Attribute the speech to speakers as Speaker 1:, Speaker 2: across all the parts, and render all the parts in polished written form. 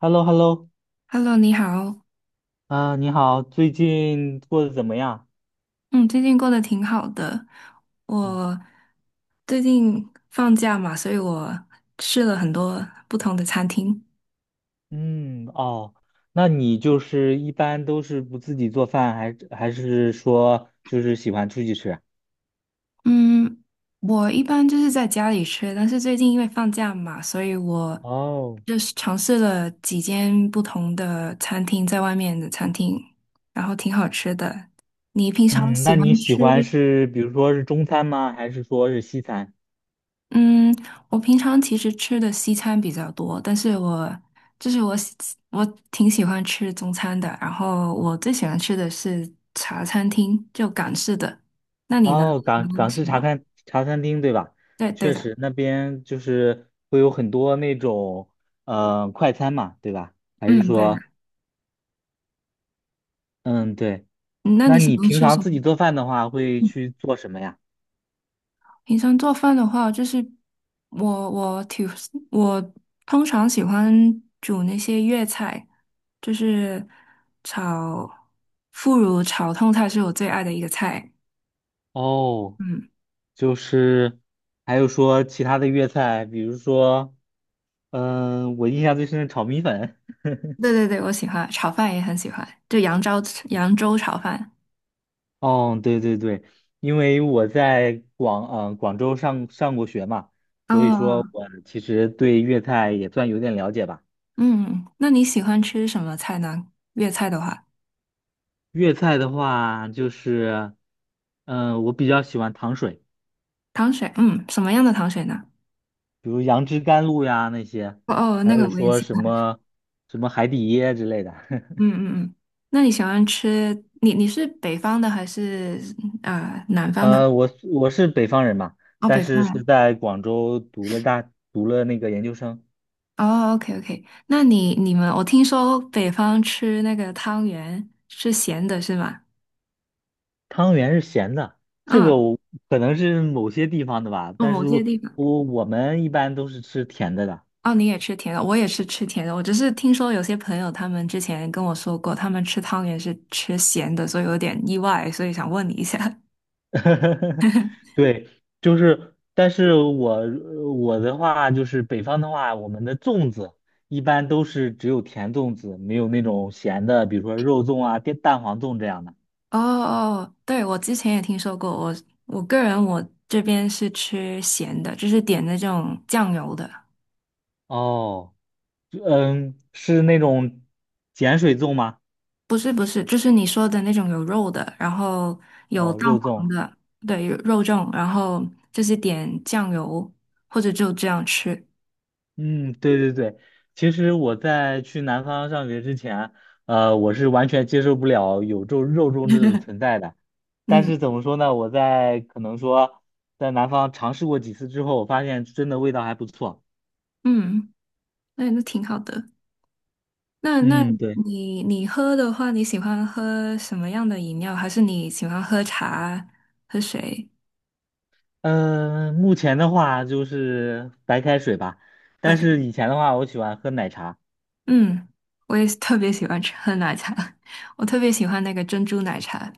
Speaker 1: h e l l o h e l l o
Speaker 2: Hello，你好。
Speaker 1: 啊，你好，最近过得怎么样？
Speaker 2: 嗯，最近过得挺好的。
Speaker 1: 嗯，
Speaker 2: 我最近放假嘛，所以我试了很多不同的餐厅。
Speaker 1: 嗯，哦，那你就是一般都是不自己做饭，还是说就是喜欢出去吃？
Speaker 2: 嗯，我一般就是在家里吃，但是最近因为放假嘛，所以我
Speaker 1: 哦，
Speaker 2: 就是尝试了几间不同的餐厅，在外面的餐厅，然后挺好吃的。你平常
Speaker 1: 嗯，那
Speaker 2: 喜
Speaker 1: 你
Speaker 2: 欢
Speaker 1: 喜
Speaker 2: 吃？
Speaker 1: 欢是比如说是中餐吗？还是说是西餐？
Speaker 2: 嗯，我平常其实吃的西餐比较多，但是我就是我喜我挺喜欢吃中餐的，然后我最喜欢吃的是茶餐厅，就港式的。那你呢？
Speaker 1: 哦，
Speaker 2: 你喜
Speaker 1: 港
Speaker 2: 欢
Speaker 1: 港
Speaker 2: 什
Speaker 1: 式茶
Speaker 2: 么？
Speaker 1: 餐茶餐厅对吧？
Speaker 2: 对对
Speaker 1: 确
Speaker 2: 的，
Speaker 1: 实那边就是会有很多那种快餐嘛，对吧？还是
Speaker 2: 嗯，对的。
Speaker 1: 说嗯对？
Speaker 2: 嗯，那你
Speaker 1: 那
Speaker 2: 喜
Speaker 1: 你
Speaker 2: 欢
Speaker 1: 平
Speaker 2: 吃
Speaker 1: 常
Speaker 2: 什么？
Speaker 1: 自己做饭的话，会去做什么呀？
Speaker 2: 平常做饭的话，就是我我挺我通常喜欢煮那些粤菜，就是炒腐乳炒通菜是我最爱的一个菜。
Speaker 1: 哦，
Speaker 2: 嗯。
Speaker 1: 就是还有说其他的粤菜，比如说，我印象最深的炒米粉。
Speaker 2: 对对对，我喜欢炒饭也很喜欢，就扬州炒饭。
Speaker 1: 哦，对对对，因为我在广州上过学嘛，所以
Speaker 2: 哦，
Speaker 1: 说我其实对粤菜也算有点了解吧。
Speaker 2: 嗯，那你喜欢吃什么菜呢？粤菜的话，
Speaker 1: 粤菜的话，就是，我比较喜欢糖水，
Speaker 2: 糖水，嗯，什么样的糖水呢？
Speaker 1: 比如杨枝甘露呀那些，
Speaker 2: 哦哦，
Speaker 1: 还
Speaker 2: 那个
Speaker 1: 有
Speaker 2: 我也
Speaker 1: 说
Speaker 2: 喜欢。
Speaker 1: 什么海底椰之类的。
Speaker 2: 嗯嗯嗯，那你喜欢吃？你你是北方的还是南方的？
Speaker 1: 我是北方人嘛，
Speaker 2: 哦，
Speaker 1: 但
Speaker 2: 北方
Speaker 1: 是是
Speaker 2: 人。
Speaker 1: 在广州读了那个研究生。
Speaker 2: 哦，OK OK，那你你们，我听说北方吃那个汤圆是咸的，是吗？
Speaker 1: 汤圆是咸的，这
Speaker 2: 嗯，
Speaker 1: 个我可能是某些地方的吧，
Speaker 2: 哦，
Speaker 1: 但是
Speaker 2: 某些地方。
Speaker 1: 我们一般都是吃甜的。
Speaker 2: 哦，你也吃甜的，我也是吃甜的。我只是听说有些朋友他们之前跟我说过，他们吃汤圆是吃咸的，所以有点意外，所以想问你一下。
Speaker 1: 对，就是，但是我我的话就是北方的话，我们的粽子一般都是只有甜粽子，没有那种咸的，比如说肉粽啊、蛋黄粽这样的。
Speaker 2: 哦哦，对，我之前也听说过，我个人这边是吃咸的，就是点那种酱油的，
Speaker 1: 哦，嗯，是那种碱水粽吗？
Speaker 2: 不是，就是你说的那种有肉的，然后有
Speaker 1: 哦，
Speaker 2: 蛋
Speaker 1: 肉粽，
Speaker 2: 黄的，对，有肉粽，然后就是点酱油或者就这样吃。
Speaker 1: 嗯，对对对，其实我在去南方上学之前，我是完全接受不了有肉粽这种存在的。但
Speaker 2: 嗯
Speaker 1: 是怎么说呢，我在可能说在南方尝试过几次之后，我发现真的味道还不错。
Speaker 2: 嗯，对，那挺好的。那
Speaker 1: 嗯，对，
Speaker 2: 你你喝的话，你喜欢喝什么样的饮料？还是你喜欢喝茶、喝水？
Speaker 1: 嗯、目前的话就是白开水吧，
Speaker 2: 白
Speaker 1: 但
Speaker 2: 开
Speaker 1: 是以前的话，我喜欢喝奶茶，
Speaker 2: 嗯，我也是特别喜欢吃喝奶茶，我特别喜欢那个珍珠奶茶。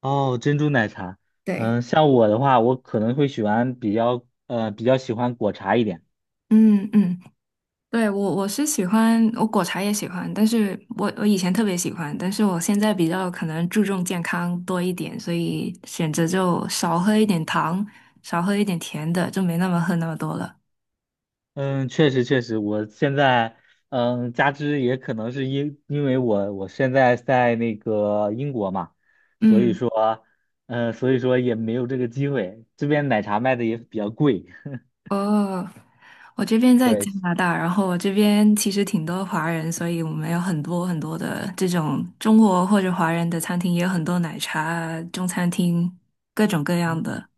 Speaker 1: 哦，珍珠奶茶。
Speaker 2: 对，
Speaker 1: 像我的话，我可能会喜欢比较，比较喜欢果茶一点。
Speaker 2: 嗯嗯，对，我我是喜欢，我果茶也喜欢，但是我我以前特别喜欢，但是我现在比较可能注重健康多一点，所以选择就少喝一点糖，少喝一点甜的，就没那么喝那么多了。
Speaker 1: 嗯，确实确实，我现在加之也可能是因为我现在在那个英国嘛，所以
Speaker 2: 嗯。
Speaker 1: 说嗯，所以说也没有这个机会，这边奶茶卖的也比较贵。
Speaker 2: 哦，我这边在
Speaker 1: 对，
Speaker 2: 加拿大，然后我这边其实挺多华人，所以我们有很多很多的这种中国或者华人的餐厅，也有很多奶茶啊中餐厅，各种各样
Speaker 1: 嗯
Speaker 2: 的。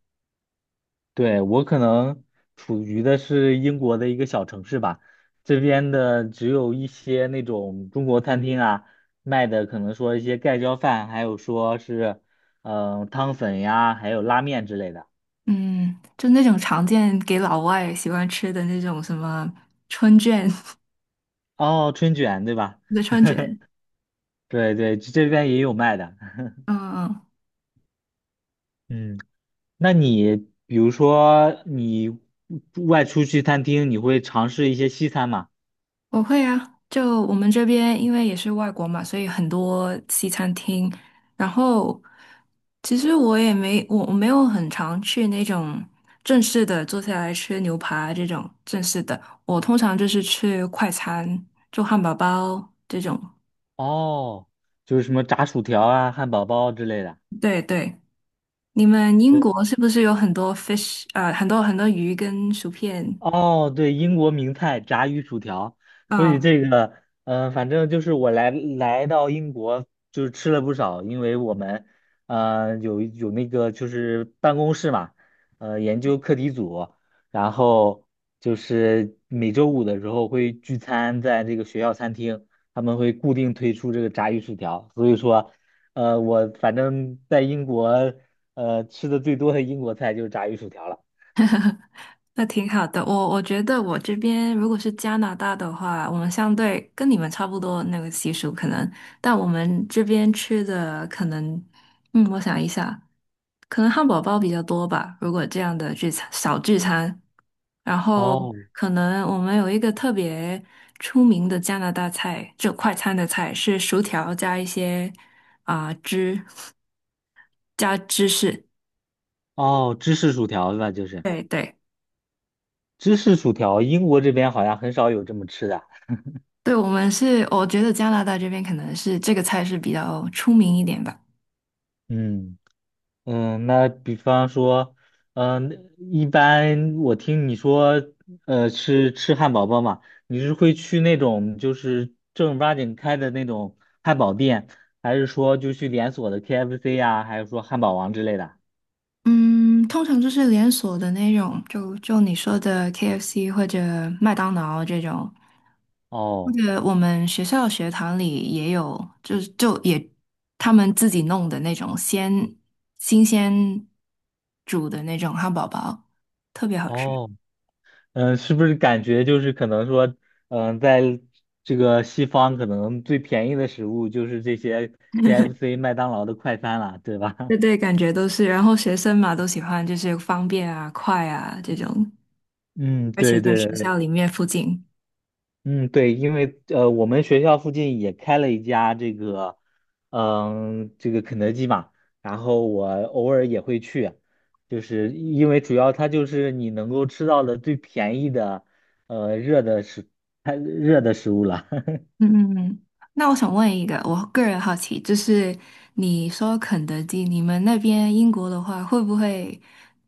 Speaker 1: 对，我可能处于的是英国的一个小城市吧，这边的只有一些那种中国餐厅啊，卖的可能说一些盖浇饭，还有说是汤粉呀，还有拉面之类的。
Speaker 2: 嗯，就那种常见给老外喜欢吃的那种什么春卷，
Speaker 1: 哦，春卷对吧？
Speaker 2: 的春卷。
Speaker 1: 对对，这边也有卖的。
Speaker 2: 嗯嗯。
Speaker 1: 嗯，那你比如说你外出去餐厅，你会尝试一些西餐吗？
Speaker 2: 我会啊，就我们这边因为也是外国嘛，所以很多西餐厅。然后其实我没有很常去那种正式的坐下来吃牛排这种正式的，我通常就是吃快餐，做汉堡包这种。
Speaker 1: 哦，就是什么炸薯条啊、汉堡包之类的。
Speaker 2: 对对，你们英国是不是有很多 fish 啊？很多很多鱼跟薯片？
Speaker 1: 哦，对，英国名菜炸鱼薯条。说起
Speaker 2: 啊？
Speaker 1: 这个，反正就是我来到英国，就是吃了不少，因为我们，有那个就是办公室嘛，呃，研究课题组，然后就是每周五的时候会聚餐在这个学校餐厅，他们会固定推出这个炸鱼薯条，所以说，我反正在英国，吃的最多的英国菜就是炸鱼薯条了。
Speaker 2: 那挺好的，我我觉得我这边如果是加拿大的话，我们相对跟你们差不多那个习俗可能，但我们这边吃的可能，我想一下，可能汉堡包比较多吧，如果这样的聚餐小聚餐，然后
Speaker 1: 哦
Speaker 2: 可能我们有一个特别出名的加拿大菜，就快餐的菜是薯条加一些啊、汁加芝士，
Speaker 1: 哦，芝士薯条吧，就是
Speaker 2: 对对。
Speaker 1: 芝士薯条，英国这边好像很少有这么吃的。
Speaker 2: 对，我们是，我觉得加拿大这边可能是这个菜是比较出名一点吧。
Speaker 1: 嗯嗯，那比方说，一般我听你说，吃汉堡包嘛，你是会去那种就是正儿八经开的那种汉堡店，还是说就去连锁的 KFC 呀、还是说汉堡王之类的？
Speaker 2: 嗯，通常就是连锁的那种，就你说的 KFC 或者麦当劳这种，或
Speaker 1: 哦
Speaker 2: 者我们学校学堂里也有，就是他们自己弄的那种新鲜煮的那种汉堡包，特别好吃。
Speaker 1: 哦嗯，是不是感觉就是可能说，嗯，在这个西方可能最便宜的食物就是这些 KFC、麦当劳的快餐了，对吧？
Speaker 2: 对对，感觉都是，然后学生嘛都喜欢，就是方便啊、快啊这种，
Speaker 1: 嗯，
Speaker 2: 而且
Speaker 1: 对
Speaker 2: 在
Speaker 1: 对
Speaker 2: 学
Speaker 1: 对，
Speaker 2: 校里面附近。
Speaker 1: 嗯对，因为我们学校附近也开了一家这个，嗯，这个肯德基嘛，然后我偶尔也会去，就是因为主要它就是你能够吃到的最便宜的，呃，热的食，它热的食物了。
Speaker 2: 嗯嗯嗯，那我想问一个，我个人好奇，就是你说肯德基，你们那边英国的话，会不会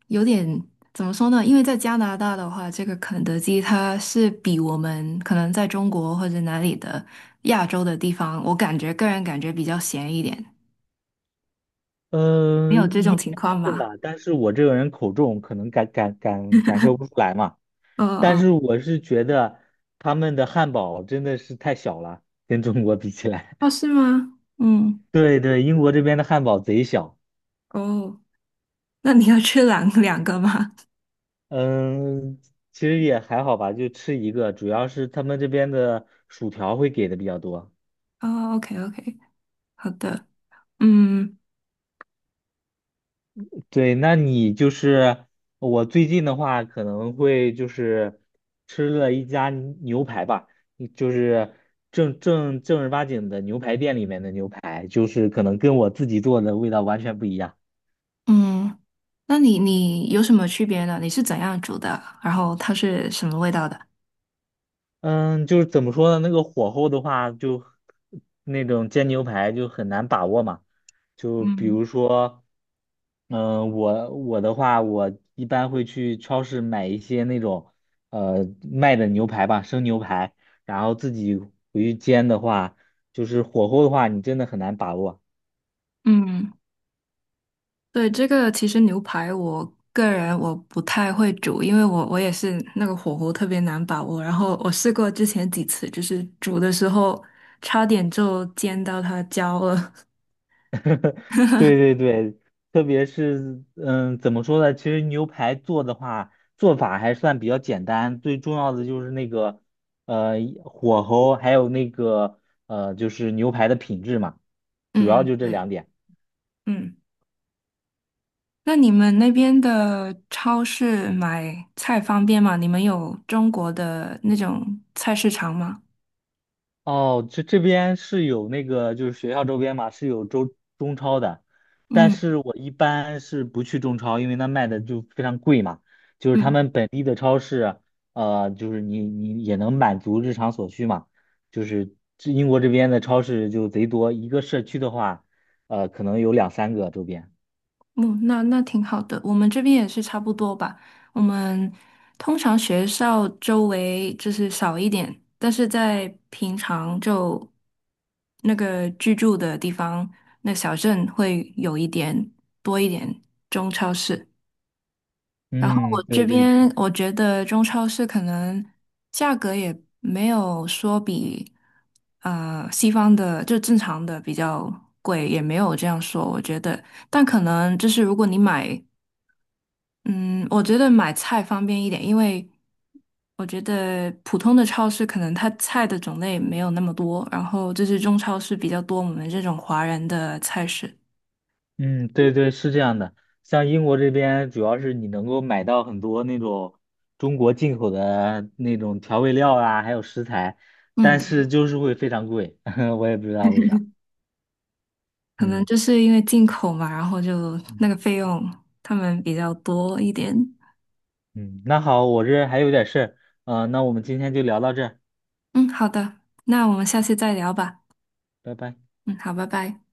Speaker 2: 有点怎么说呢？因为在加拿大的话，这个肯德基它是比我们可能在中国或者哪里的亚洲的地方，我感觉个人感觉比较咸一点。你
Speaker 1: 嗯，
Speaker 2: 有这种
Speaker 1: 应
Speaker 2: 情
Speaker 1: 该
Speaker 2: 况
Speaker 1: 是
Speaker 2: 吗？
Speaker 1: 吧，但是我这个人口重，可能感受不出来嘛。
Speaker 2: 嗯
Speaker 1: 但
Speaker 2: 嗯，
Speaker 1: 是我是觉得他们的汉堡真的是太小了，跟中国比起来。
Speaker 2: 哦，是吗？嗯，
Speaker 1: 对对，英国这边的汉堡贼小。
Speaker 2: 哦，那你要吃两个吗？
Speaker 1: 嗯，其实也还好吧，就吃一个，主要是他们这边的薯条会给的比较多。
Speaker 2: 哦，OK OK，好的，嗯。
Speaker 1: 对，那你就是我最近的话，可能会就是吃了一家牛排吧，就是正儿八经的牛排店里面的牛排，就是可能跟我自己做的味道完全不一样。
Speaker 2: 嗯，那你你有什么区别呢？你是怎样煮的？然后它是什么味道的？
Speaker 1: 嗯，就是怎么说呢？那个火候的话，就那种煎牛排就很难把握嘛。就比
Speaker 2: 嗯
Speaker 1: 如说，嗯，我的话，我一般会去超市买一些那种呃卖的牛排吧，生牛排，然后自己去煎的话，就是火候的话，你真的很难把握。
Speaker 2: 嗯，对，这个其实牛排我个人我不太会煮，因为我我也是那个火候特别难把握。然后我试过之前几次，就是煮的时候差点就煎到它焦了。
Speaker 1: 对对对，特别是嗯，怎么说呢？其实牛排做的话，做法还算比较简单，最重要的就是那个呃火候，还有那个就是牛排的品质嘛，
Speaker 2: 嗯
Speaker 1: 主要
Speaker 2: 嗯，
Speaker 1: 就这
Speaker 2: 对，
Speaker 1: 两点。
Speaker 2: 嗯。那你们那边的超市买菜方便吗？你们有中国的那种菜市场吗？
Speaker 1: 哦，这这边是有那个，就是学校周边嘛，是有中超的，但
Speaker 2: 嗯
Speaker 1: 是我一般是不去中超，因为那卖的就非常贵嘛。就是他
Speaker 2: 嗯。
Speaker 1: 们本地的超市，呃，就是你也能满足日常所需嘛。就是这英国这边的超市就贼多，一个社区的话，可能有两三个周边。
Speaker 2: 嗯，那挺好的，我们这边也是差不多吧。我们通常学校周围就是少一点，但是在平常就那个居住的地方，那小镇会有多一点中超市。然后
Speaker 1: 嗯，
Speaker 2: 我这
Speaker 1: 对对
Speaker 2: 边我觉得中超市可能价格也没有说比西方的就正常的比较贵，也没有这样说，我觉得。但可能就是如果你买嗯，我觉得买菜方便一点，因为我觉得普通的超市可能它菜的种类没有那么多，然后就是中超市比较多我们这种华人的菜市。
Speaker 1: 嗯，对对，是这样的。像英国这边，主要是你能够买到很多那种中国进口的那种调味料啊，还有食材，
Speaker 2: 嗯，
Speaker 1: 但是就是会非常贵，我也不知道为啥。
Speaker 2: 可能
Speaker 1: 嗯
Speaker 2: 就是因为进口嘛，然后就那
Speaker 1: 嗯
Speaker 2: 个费用他们比较多一点。
Speaker 1: 嗯，那好，我这还有点事儿，那我们今天就聊到这儿，
Speaker 2: 嗯，好的，那我们下次再聊吧。
Speaker 1: 拜拜。
Speaker 2: 嗯，好，拜拜。